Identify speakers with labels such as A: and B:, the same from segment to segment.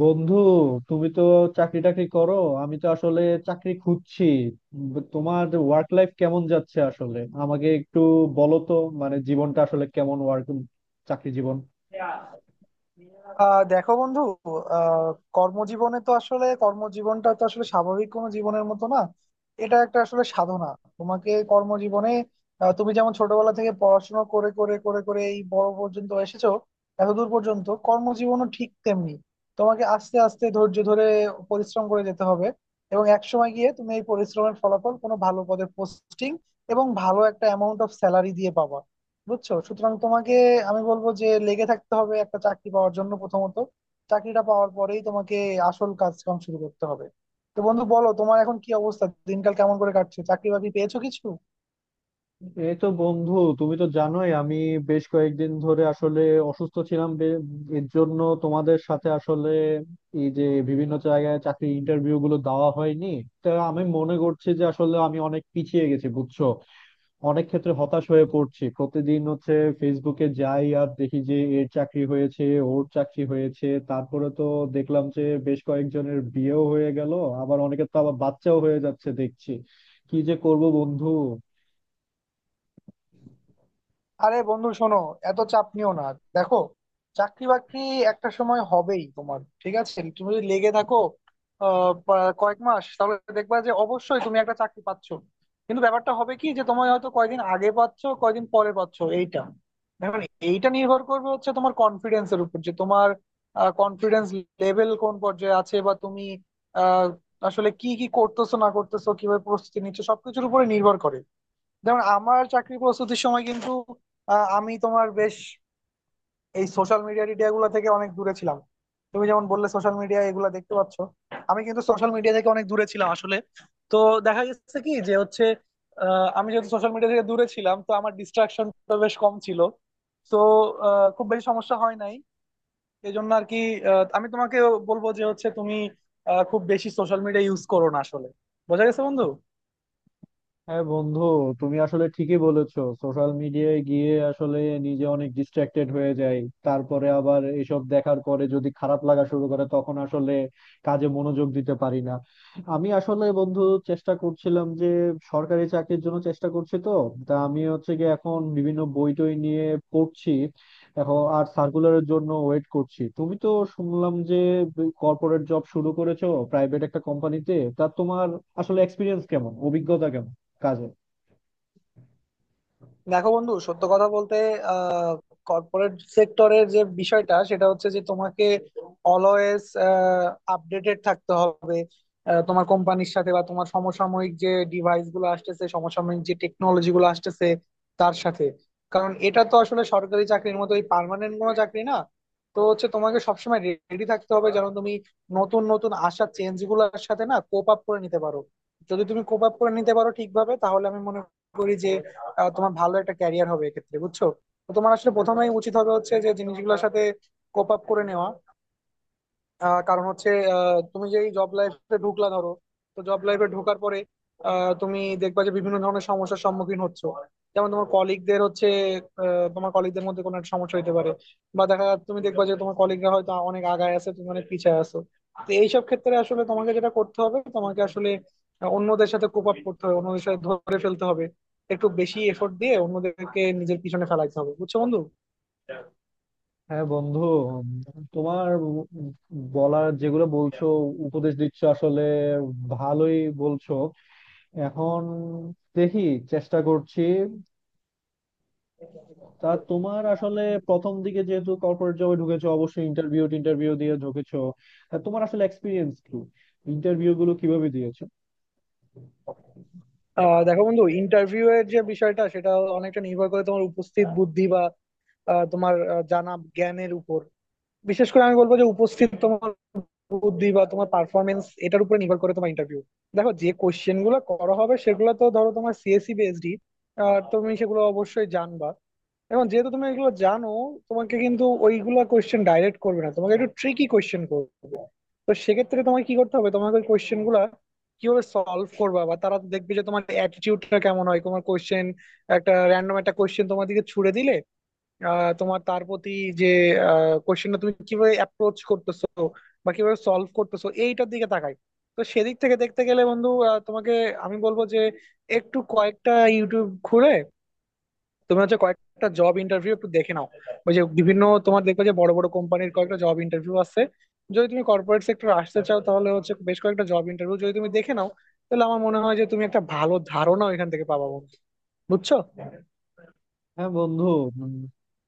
A: বন্ধু, তুমি তো চাকরি টাকরি করো। আমি তো আসলে চাকরি খুঁজছি। তোমার ওয়ার্ক লাইফ কেমন যাচ্ছে আসলে আমাকে একটু বলো তো। মানে জীবনটা আসলে কেমন, ওয়ার্ক চাকরি জীবন?
B: আহ দেখো বন্ধু। আহ কর্মজীবনে তো আসলে কর্মজীবনটা তো আসলে স্বাভাবিক কোনো জীবনের মতো না। এটা একটা আসলে সাধনা। তোমাকে কর্মজীবনে তুমি যেমন ছোটবেলা থেকে পড়াশোনা করে করে করে করে এই বড় পর্যন্ত এসেছো, এতদূর পর্যন্ত। কর্মজীবনও ঠিক তেমনি, তোমাকে আস্তে আস্তে ধৈর্য ধরে পরিশ্রম করে যেতে হবে। এবং একসময় গিয়ে তুমি এই পরিশ্রমের ফলাফল কোনো ভালো পদে পোস্টিং এবং ভালো একটা অ্যামাউন্ট অফ স্যালারি দিয়ে পাবা। বুঝছো? সুতরাং তোমাকে আমি বলবো যে লেগে থাকতে হবে একটা চাকরি পাওয়ার জন্য। প্রথমত চাকরিটা পাওয়ার পরেই তোমাকে আসল কাজকাম শুরু করতে হবে। তো বন্ধু বলো, তোমার এখন কি অবস্থা? দিনকাল কেমন করে কাটছে? চাকরি বাকরি পেয়েছো কিছু?
A: এই তো বন্ধু, তুমি তো জানোই আমি বেশ কয়েকদিন ধরে আসলে অসুস্থ ছিলাম। এর জন্য তোমাদের সাথে আসলে এই যে বিভিন্ন জায়গায় চাকরি ইন্টারভিউ গুলো দেওয়া হয়নি। তা আমি মনে করছি যে আসলে আমি অনেক পিছিয়ে গেছি, বুঝছো। অনেক ক্ষেত্রে হতাশ হয়ে পড়ছি প্রতিদিন। হচ্ছে ফেসবুকে যাই আর দেখি যে এর চাকরি হয়েছে, ওর চাকরি হয়েছে। তারপরে তো দেখলাম যে বেশ কয়েকজনের বিয়েও হয়ে গেল, আবার অনেকের তো আবার বাচ্চাও হয়ে যাচ্ছে দেখছি। কি যে করব বন্ধু।
B: আরে বন্ধু শোনো, এত চাপ নিও না। দেখো, চাকরি বাকরি একটা সময় হবেই তোমার। ঠিক আছে, তুমি যদি লেগে থাকো কয়েক মাস, তাহলে দেখবা যে অবশ্যই তুমি একটা চাকরি পাচ্ছ। কিন্তু ব্যাপারটা হবে কি যে তোমায় হয়তো কয়দিন আগে পাচ্ছ, কয়দিন পরে পাচ্ছ, এইটা এখন। এইটা নির্ভর করবে হচ্ছে তোমার কনফিডেন্সের উপর, যে তোমার কনফিডেন্স লেভেল কোন পর্যায়ে আছে বা তুমি আহ, আসলে কি কি করতেছো না করতেছো, কিভাবে প্রস্তুতি নিচ্ছ, সবকিছুর উপরে নির্ভর করে। যেমন আমার চাকরি প্রস্তুতির সময় কিন্তু আমি তোমার বেশ এই সোশ্যাল মিডিয়া টিডিয়া গুলো থেকে অনেক দূরে ছিলাম। তুমি যেমন বললে সোশ্যাল মিডিয়া এগুলা দেখতে পাচ্ছ, আমি কিন্তু সোশ্যাল মিডিয়া থেকে অনেক দূরে ছিলাম আসলে। তো দেখা গেছে কি যে হচ্ছে আমি যেহেতু সোশ্যাল মিডিয়া থেকে দূরে ছিলাম, তো আমার ডিস্ট্রাকশনটা বেশ কম ছিল। তো খুব বেশি সমস্যা হয় নাই। এই জন্য আর কি আমি তোমাকে বলবো যে হচ্ছে তুমি খুব বেশি সোশ্যাল মিডিয়া ইউজ করো না আসলে। বোঝা গেছে বন্ধু?
A: হ্যাঁ বন্ধু, তুমি আসলে ঠিকই বলেছো। সোশ্যাল মিডিয়ায় গিয়ে আসলে নিজে অনেক ডিস্ট্রাক্টেড হয়ে যায়। তারপরে আবার এসব দেখার পরে যদি খারাপ লাগা শুরু করে তখন আসলে কাজে মনোযোগ দিতে পারি না। আমি আসলে বন্ধু চেষ্টা করছিলাম যে সরকারি চাকরির জন্য চেষ্টা করছি তো। তা আমি হচ্ছে গিয়ে এখন বিভিন্ন বই টই নিয়ে পড়ছি। এখন আর সার্কুলারের জন্য ওয়েট করছি। তুমি তো শুনলাম যে কর্পোরেট জব শুরু করেছো, প্রাইভেট একটা কোম্পানিতে। তা তোমার আসলে এক্সপিরিয়েন্স কেমন, অভিজ্ঞতা কেমন কাজে?
B: দেখো বন্ধু, সত্য কথা বলতে আহ কর্পোরেট সেক্টরের যে বিষয়টা সেটা হচ্ছে যে তোমাকে অলওয়েজ আপডেটেড থাকতে হবে তোমার কোম্পানির সাথে বা তোমার সমসাময়িক যে ডিভাইস গুলো আসতেছে, সমসাময়িক যে টেকনোলজি গুলো আসতেছে তার সাথে। কারণ এটা তো আসলে সরকারি চাকরির মতো এই পার্মানেন্ট কোনো চাকরি না। তো হচ্ছে তোমাকে সবসময় রেডি থাকতে হবে, যেন তুমি নতুন নতুন আসা চেঞ্জ গুলোর সাথে না কোপ আপ করে নিতে পারো। যদি তুমি কোপ আপ করে নিতে পারো ঠিকভাবে, তাহলে আমি মনে করি যে তোমার ভালো একটা ক্যারিয়ার হবে এক্ষেত্রে। বুঝছো? তো তোমার আসলে প্রথমেই উচিত হবে হচ্ছে যে জিনিসগুলোর সাথে কোপ আপ করে নেওয়া। কারণ হচ্ছে তুমি যেই জব লাইফে ঢুকলা ধরো, তো জব লাইফে ঢোকার পরে তুমি দেখবা যে বিভিন্ন ধরনের সমস্যার সম্মুখীন হচ্ছ। যেমন তোমার কলিগদের হচ্ছে তোমার কলিগদের মধ্যে কোনো একটা সমস্যা হতে পারে, বা দেখা যাচ্ছে তুমি দেখবা যে তোমার কলিগরা হয়তো অনেক আগায় আছে, তুমি অনেক পিছায় আছো। তো এইসব ক্ষেত্রে আসলে তোমাকে যেটা করতে হবে, তোমাকে আসলে অন্যদের সাথে কোপ আপ করতে হবে, অন্যদের সাথে ধরে ফেলতে হবে, একটু বেশি এফোর্ট দিয়ে অন্যদেরকে নিজের পিছনে ফেলাইতে হবে। বুঝছো বন্ধু?
A: হ্যাঁ বন্ধু, উম, তোমার বলার, যেগুলো বলছো, উপদেশ দিচ্ছ আসলে ভালোই বলছো। এখন দেখি, চেষ্টা করছি। তা তোমার আসলে প্রথম দিকে যেহেতু কর্পোরেট জবে ঢুকেছো, অবশ্যই ইন্টারভিউ ইন্টারভিউ দিয়ে ঢুকেছো। তা তোমার আসলে এক্সপিরিয়েন্স কি, ইন্টারভিউ গুলো কিভাবে দিয়েছো?
B: দেখো বন্ধু, ইন্টারভিউ এর যে বিষয়টা সেটা অনেকটা নির্ভর করে তোমার উপস্থিত বুদ্ধি বা তোমার জানা জ্ঞানের উপর। বিশেষ করে আমি বলবো যে উপস্থিত তোমার বুদ্ধি বা তোমার পারফরমেন্স, এটার উপরে নির্ভর করে তোমার ইন্টারভিউ। দেখো যে কোশ্চেন গুলো করা হবে সেগুলো তো ধরো তোমার সিএসসি পিএইচডি, আর তুমি সেগুলো অবশ্যই জানবা। এবং যেহেতু তুমি এগুলো জানো, তোমাকে কিন্তু ওইগুলো কোশ্চেন ডাইরেক্ট করবে না, তোমাকে একটু ট্রিকি কোশ্চেন করবে। তো সেক্ষেত্রে তোমাকে কি করতে হবে, তোমাকে ওই কোয়েশ্চেন গুলা কিভাবে সলভ করবা, বা তারা তো দেখবে যে তোমার অ্যাটিটিউডটা কেমন হয়, তোমার কোয়েশ্চেন একটা র্যান্ডম একটা কোয়েশ্চেন তোমার দিকে ছুড়ে দিলে তোমার তার প্রতি যে কোয়েশ্চেনটা তুমি কিভাবে অ্যাপ্রোচ করতেছো বা কিভাবে সলভ করতেছো, এইটার দিকে তাকায়। তো সেদিক থেকে দেখতে গেলে বন্ধু তোমাকে আমি বলবো যে একটু কয়েকটা ইউটিউব খুলে তুমি হচ্ছে কয়েকটা জব ইন্টারভিউ একটু দেখে নাও। ওই যে বিভিন্ন, তোমার দেখবে যে বড় বড় কোম্পানির কয়েকটা জব ইন্টারভিউ আছে। যদি তুমি কর্পোরেট সেক্টর আসতে চাও, তাহলে হচ্ছে বেশ কয়েকটা জব ইন্টারভিউ যদি তুমি দেখে নাও, তাহলে আমার মনে হয় যে তুমি একটা ভালো ধারণা ওইখান থেকে পাবা বন্ধু। বুঝছো?
A: হ্যাঁ বন্ধু, উম,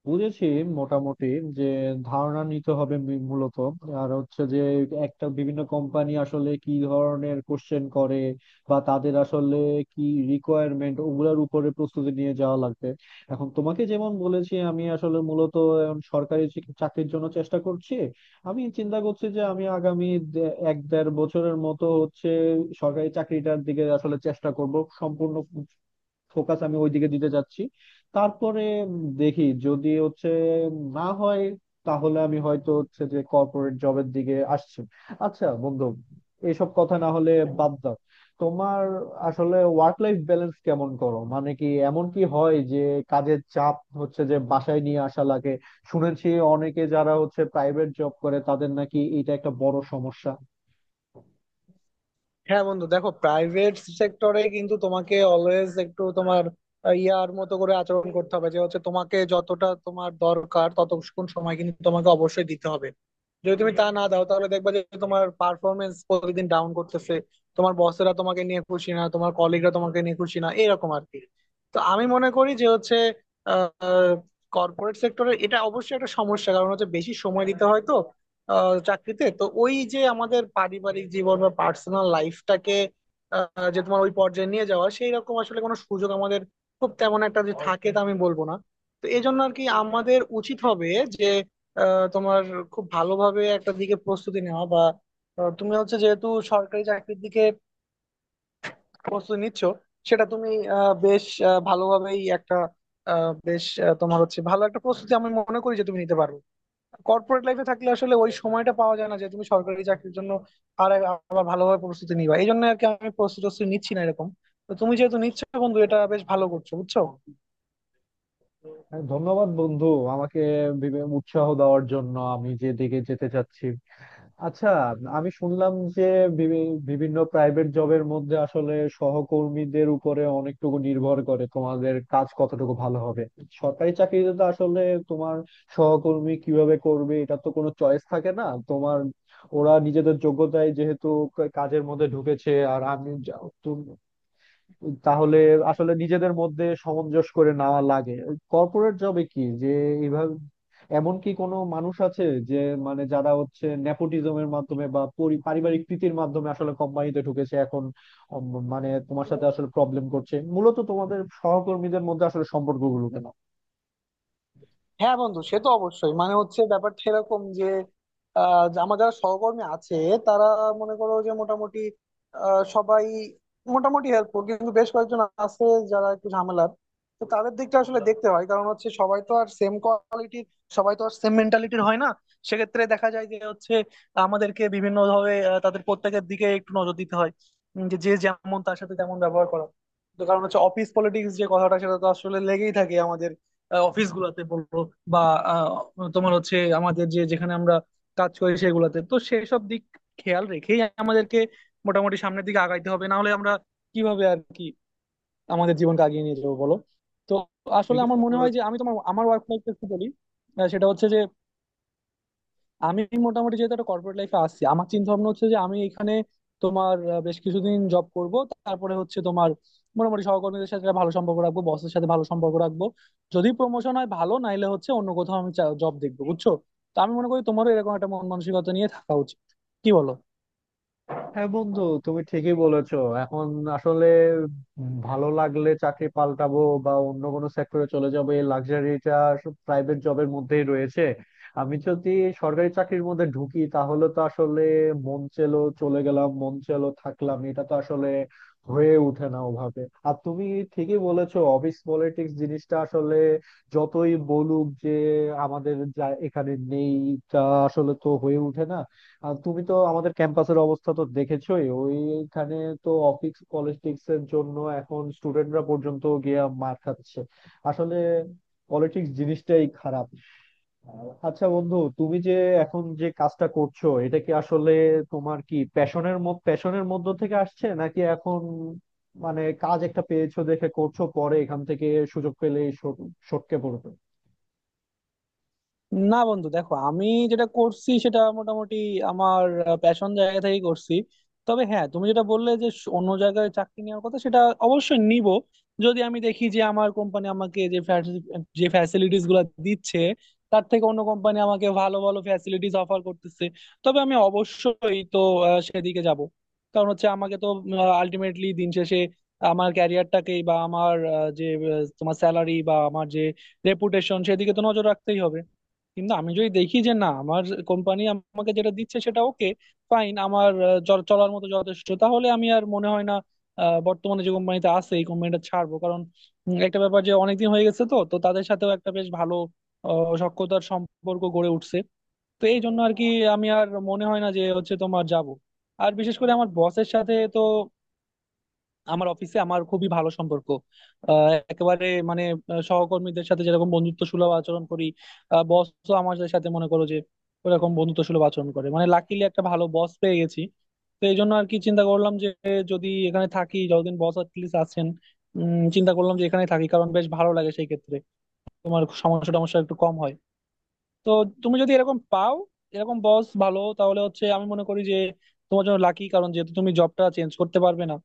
A: বুঝেছি মোটামুটি যে ধারণা নিতে হবে মূলত। আর হচ্ছে যে একটা বিভিন্ন কোম্পানি আসলে কি ধরনের কোশ্চেন করে বা তাদের আসলে কি রিকোয়ারমেন্ট, ওগুলোর উপরে প্রস্তুতি নিয়ে যাওয়া লাগবে। এখন তোমাকে যেমন বলেছি, আমি আসলে মূলত এখন সরকারি চাকরির জন্য চেষ্টা করছি। আমি চিন্তা করছি যে আমি আগামী এক দেড় বছরের মতো হচ্ছে সরকারি চাকরিটার দিকে আসলে চেষ্টা করব। সম্পূর্ণ ফোকাস আমি ওইদিকে দিতে চাচ্ছি। তারপরে উম দেখি যদি হচ্ছে না হয় তাহলে আমি হয়তো হচ্ছে যে কর্পোরেট জবের দিকে আসছি। আচ্ছা বন্ধু, এইসব কথা না হলে বাদ দাও। তোমার আসলে ওয়ার্ক লাইফ ব্যালেন্স কেমন করো? মানে কি এমন কি হয় যে কাজের চাপ হচ্ছে যে বাসায় নিয়ে আসা লাগে? শুনেছি অনেকে যারা হচ্ছে প্রাইভেট জব করে তাদের নাকি এটা একটা বড় সমস্যা।
B: হ্যাঁ বন্ধু, দেখো প্রাইভেট সেক্টরে কিন্তু তোমাকে অলওয়েজ একটু তোমার ইয়ার মতো করে আচরণ করতে হবে, যে হচ্ছে তোমাকে যতটা তোমার দরকার ততক্ষণ সময় কিন্তু তোমাকে অবশ্যই দিতে হবে। যদি তুমি তা না দাও, তাহলে দেখবা যে তোমার পারফরমেন্স প্রতিদিন ডাউন করতেছে, তোমার বসেরা তোমাকে নিয়ে খুশি না, তোমার কলিগরা তোমাকে নিয়ে খুশি না, এরকম আর কি। তো আমি মনে করি যে হচ্ছে কর্পোরেট সেক্টরে এটা অবশ্যই একটা সমস্যা, কারণ হচ্ছে বেশি সময় দিতে হয় তো চাকরিতে। তো ওই যে আমাদের পারিবারিক জীবন বা পার্সোনাল লাইফটাকে যে তোমার ওই পর্যায়ে নিয়ে যাওয়া, সেই রকম আসলে কোনো সুযোগ আমাদের খুব তেমন একটা যে থাকে, তা আমি বলবো না। তো এই জন্য আর কি আমাদের উচিত হবে যে তোমার খুব ভালোভাবে একটা দিকে প্রস্তুতি নেওয়া। বা তুমি হচ্ছে যেহেতু সরকারি চাকরির দিকে প্রস্তুতি নিচ্ছ, সেটা তুমি বেশ ভালোভাবেই একটা বেশ তোমার হচ্ছে ভালো একটা প্রস্তুতি আমি মনে করি যে তুমি নিতে পারবে। কর্পোরেট লাইফে থাকলে আসলে ওই সময়টা পাওয়া যায় না যে তুমি সরকারি চাকরির জন্য আর আবার ভালোভাবে প্রস্তুতি নিবা। এই জন্য আর কি, আমি প্রস্তুতি টস্তুতি নিচ্ছি না এরকম। তো তুমি যেহেতু নিচ্ছ বন্ধু, এটা বেশ ভালো করছো। বুঝছো?
A: হ্যাঁ, ধন্যবাদ বন্ধু, আমাকে উৎসাহ দেওয়ার জন্য। আমি যে দিকে যেতে চাচ্ছি, আচ্ছা আমি শুনলাম যে বিভিন্ন প্রাইভেট জবের মধ্যে আসলে সহকর্মীদের উপরে অনেকটুকু নির্ভর করে তোমাদের কাজ কতটুকু ভালো হবে। সরকারি চাকরিতে তো আসলে তোমার সহকর্মী কিভাবে করবে এটা তো কোনো চয়েস থাকে না তোমার। ওরা নিজেদের যোগ্যতায় যেহেতু কাজের মধ্যে ঢুকেছে আর আমি, তাহলে আসলে নিজেদের মধ্যে সামঞ্জস্য করে নেওয়া লাগে। কর্পোরেট জবে কি যে এইভাবে এমন কি কোনো মানুষ আছে যে, মানে যারা হচ্ছে নেপোটিজমের মাধ্যমে বা পারিবারিক প্রীতির মাধ্যমে আসলে কোম্পানিতে ঢুকেছে এখন? উম, মানে তোমার সাথে আসলে প্রবলেম করছে মূলত, তোমাদের সহকর্মীদের মধ্যে আসলে সম্পর্কগুলো
B: হ্যাঁ বন্ধু, সে তো অবশ্যই, মানে হচ্ছে ব্যাপারটা এরকম যে যে আমার যারা সহকর্মী আছে, তারা মনে করো যে মোটামুটি সবাই মোটামুটি হেল্পফুল, কিন্তু বেশ কয়েকজন আছে যারা একটু ঝামেলার। তো তাদের দিকটা আসলে দেখতে হয়, কারণ হচ্ছে সবাই তো আর সেম কোয়ালিটির, সবাই তো আর সেম মেন্টালিটির হয় না। সেক্ষেত্রে দেখা যায় যে হচ্ছে আমাদেরকে বিভিন্ন ভাবে তাদের প্রত্যেকের দিকে একটু নজর দিতে হয়। যে যে যেমন তার সাথে তেমন ব্যবহার করা। তো কারণ হচ্ছে অফিস পলিটিক্স যে কথাটা, সেটা তো আসলে লেগেই থাকে আমাদের অফিস গুলাতে বলবো, বা তোমার হচ্ছে আমাদের যে যেখানে আমরা কাজ করি, সেগুলাতে তো সেসব দিক খেয়াল রেখেই আমাদেরকে মোটামুটি সামনের দিকে আগাইতে হবে। না হলে আমরা কিভাবে আর কি আমাদের জীবনকে আগিয়ে নিয়ে যাবো বলো? তো আসলে
A: কেন?
B: আমার মনে হয় যে আমি তোমার আমার ওয়ার্ক লাইফ একটু বলি। সেটা হচ্ছে যে আমি মোটামুটি যেহেতু একটা কর্পোরেট লাইফে আছি, আমার চিন্তা ভাবনা হচ্ছে যে আমি এখানে তোমার বেশ কিছুদিন জব করব। তারপরে হচ্ছে তোমার মোটামুটি সহকর্মীদের সাথে একটা ভালো সম্পর্ক রাখবো, বসের সাথে ভালো সম্পর্ক রাখবো, যদি প্রমোশন হয় ভালো, নাইলে হচ্ছে অন্য কোথাও আমি জব দেখবো। বুঝছো? তো আমি মনে করি তোমারও এরকম একটা মন মানসিকতা নিয়ে থাকা উচিত। কি বলো?
A: হ্যাঁ বন্ধু, তুমি ঠিকই বলেছো। এখন আসলে ভালো লাগলে চাকরি পাল্টাবো বা অন্য কোনো সেক্টরে চলে যাবো, এই লাক্সারিটা প্রাইভেট জবের মধ্যেই রয়েছে। আমি যদি সরকারি চাকরির মধ্যে ঢুকি তাহলে তো আসলে মন চেলো চলে গেলাম মন চেলো থাকলাম, এটা তো আসলে হয়ে ওঠে না ওভাবে। আর তুমি ঠিকই বলেছো, অফিস পলিটিক্স জিনিসটা আসলে যতই বলুক যে আমাদের যা এখানে নেই, তা আসলে তো হয়ে ওঠে না। আর তুমি তো আমাদের ক্যাম্পাসের অবস্থা তো দেখেছোই, ওইখানে তো অফিস পলিটিক্স এর জন্য এখন স্টুডেন্টরা পর্যন্ত গিয়ে মার খাচ্ছে। আসলে পলিটিক্স জিনিসটাই খারাপ। আচ্ছা বন্ধু, তুমি যে এখন যে কাজটা করছো এটা কি আসলে তোমার কি প্যাশনের, প্যাশনের মধ্য থেকে আসছে, নাকি এখন মানে কাজ একটা পেয়েছো দেখে করছো, পরে এখান থেকে সুযোগ পেলে সটকে পড়বে?
B: না বন্ধু, দেখো আমি যেটা করছি সেটা মোটামুটি আমার প্যাশন জায়গা থেকে করছি। তবে হ্যাঁ, তুমি যেটা বললে যে অন্য জায়গায় চাকরি নেওয়ার কথা, সেটা অবশ্যই নিব। যদি আমি দেখি যে আমার কোম্পানি আমাকে যে যে ফ্যাসিলিটিস গুলো দিচ্ছে, তার থেকে অন্য কোম্পানি আমাকে ভালো ভালো ফ্যাসিলিটিস অফার করতেছে, তবে আমি অবশ্যই তো সেদিকে যাব। কারণ হচ্ছে আমাকে তো আলটিমেটলি দিন শেষে আমার ক্যারিয়ারটাকেই, বা আমার যে তোমার স্যালারি বা আমার যে রেপুটেশন, সেদিকে তো নজর রাখতেই হবে। কিন্তু আমি যদি দেখি যে না, আমার কোম্পানি আমাকে যেটা দিচ্ছে সেটা ওকে, ফাইন, আমার চলার মতো যথেষ্ট, তাহলে আমি আর মনে হয় না বর্তমানে যে কোম্পানিতে আছে এই কোম্পানিটা ছাড়বো। কারণ একটা ব্যাপার যে অনেকদিন হয়ে গেছে তো তো তাদের সাথেও একটা বেশ ভালো সখ্যতার সম্পর্ক গড়ে উঠছে। তো এই জন্য আর কি, আমি আর মনে হয় না যে হচ্ছে তোমার যাব। আর বিশেষ করে আমার বসের সাথে তো আমার অফিসে আমার খুবই ভালো সম্পর্ক। একেবারে, মানে সহকর্মীদের সাথে যেরকম বন্ধুত্ব সুলভ আচরণ করি, বসও আমাদের সাথে মনে করো যে ওরকম বন্ধুত্ব সুলভ আচরণ করে। মানে লাকিলি একটা ভালো বস পেয়ে গেছি। তো এই জন্য আর কি চিন্তা করলাম যে যদি এখানে থাকি যতদিন বস অ্যাটলিস্ট আছেন, চিন্তা করলাম যে এখানে থাকি, কারণ বেশ ভালো লাগে সেই ক্ষেত্রে। তোমার সমস্যা টমস্যা একটু কম হয়। তো তুমি যদি এরকম পাও, এরকম বস ভালো, তাহলে হচ্ছে আমি মনে করি যে তোমার জন্য লাকি, কারণ যেহেতু তুমি জবটা চেঞ্জ করতে পারবে না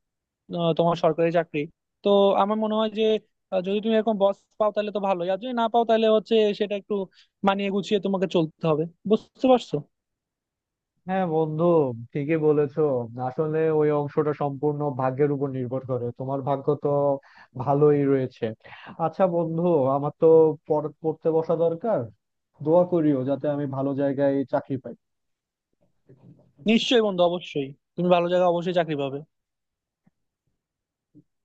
B: তোমার সরকারি চাকরি। তো আমার মনে হয় যে যদি তুমি এরকম বস পাও তাহলে তো ভালোই, আর যদি না পাও, তাহলে হচ্ছে সেটা একটু মানিয়ে গুছিয়ে তোমাকে চলতে হবে। বুঝতে পারছো?
A: হ্যাঁ বন্ধু, ঠিকই বলেছো। আসলে ওই অংশটা সম্পূর্ণ ভাগ্যের উপর নির্ভর করে, তোমার ভাগ্য তো ভালোই রয়েছে। আচ্ছা বন্ধু, আমার তো পড়তে বসা দরকার। দোয়া করিও যাতে আমি ভালো জায়গায় চাকরি পাই।
B: নিশ্চয়ই বন্ধু, অবশ্যই, তুমি ভালো জায়গায় অবশ্যই চাকরি পাবে।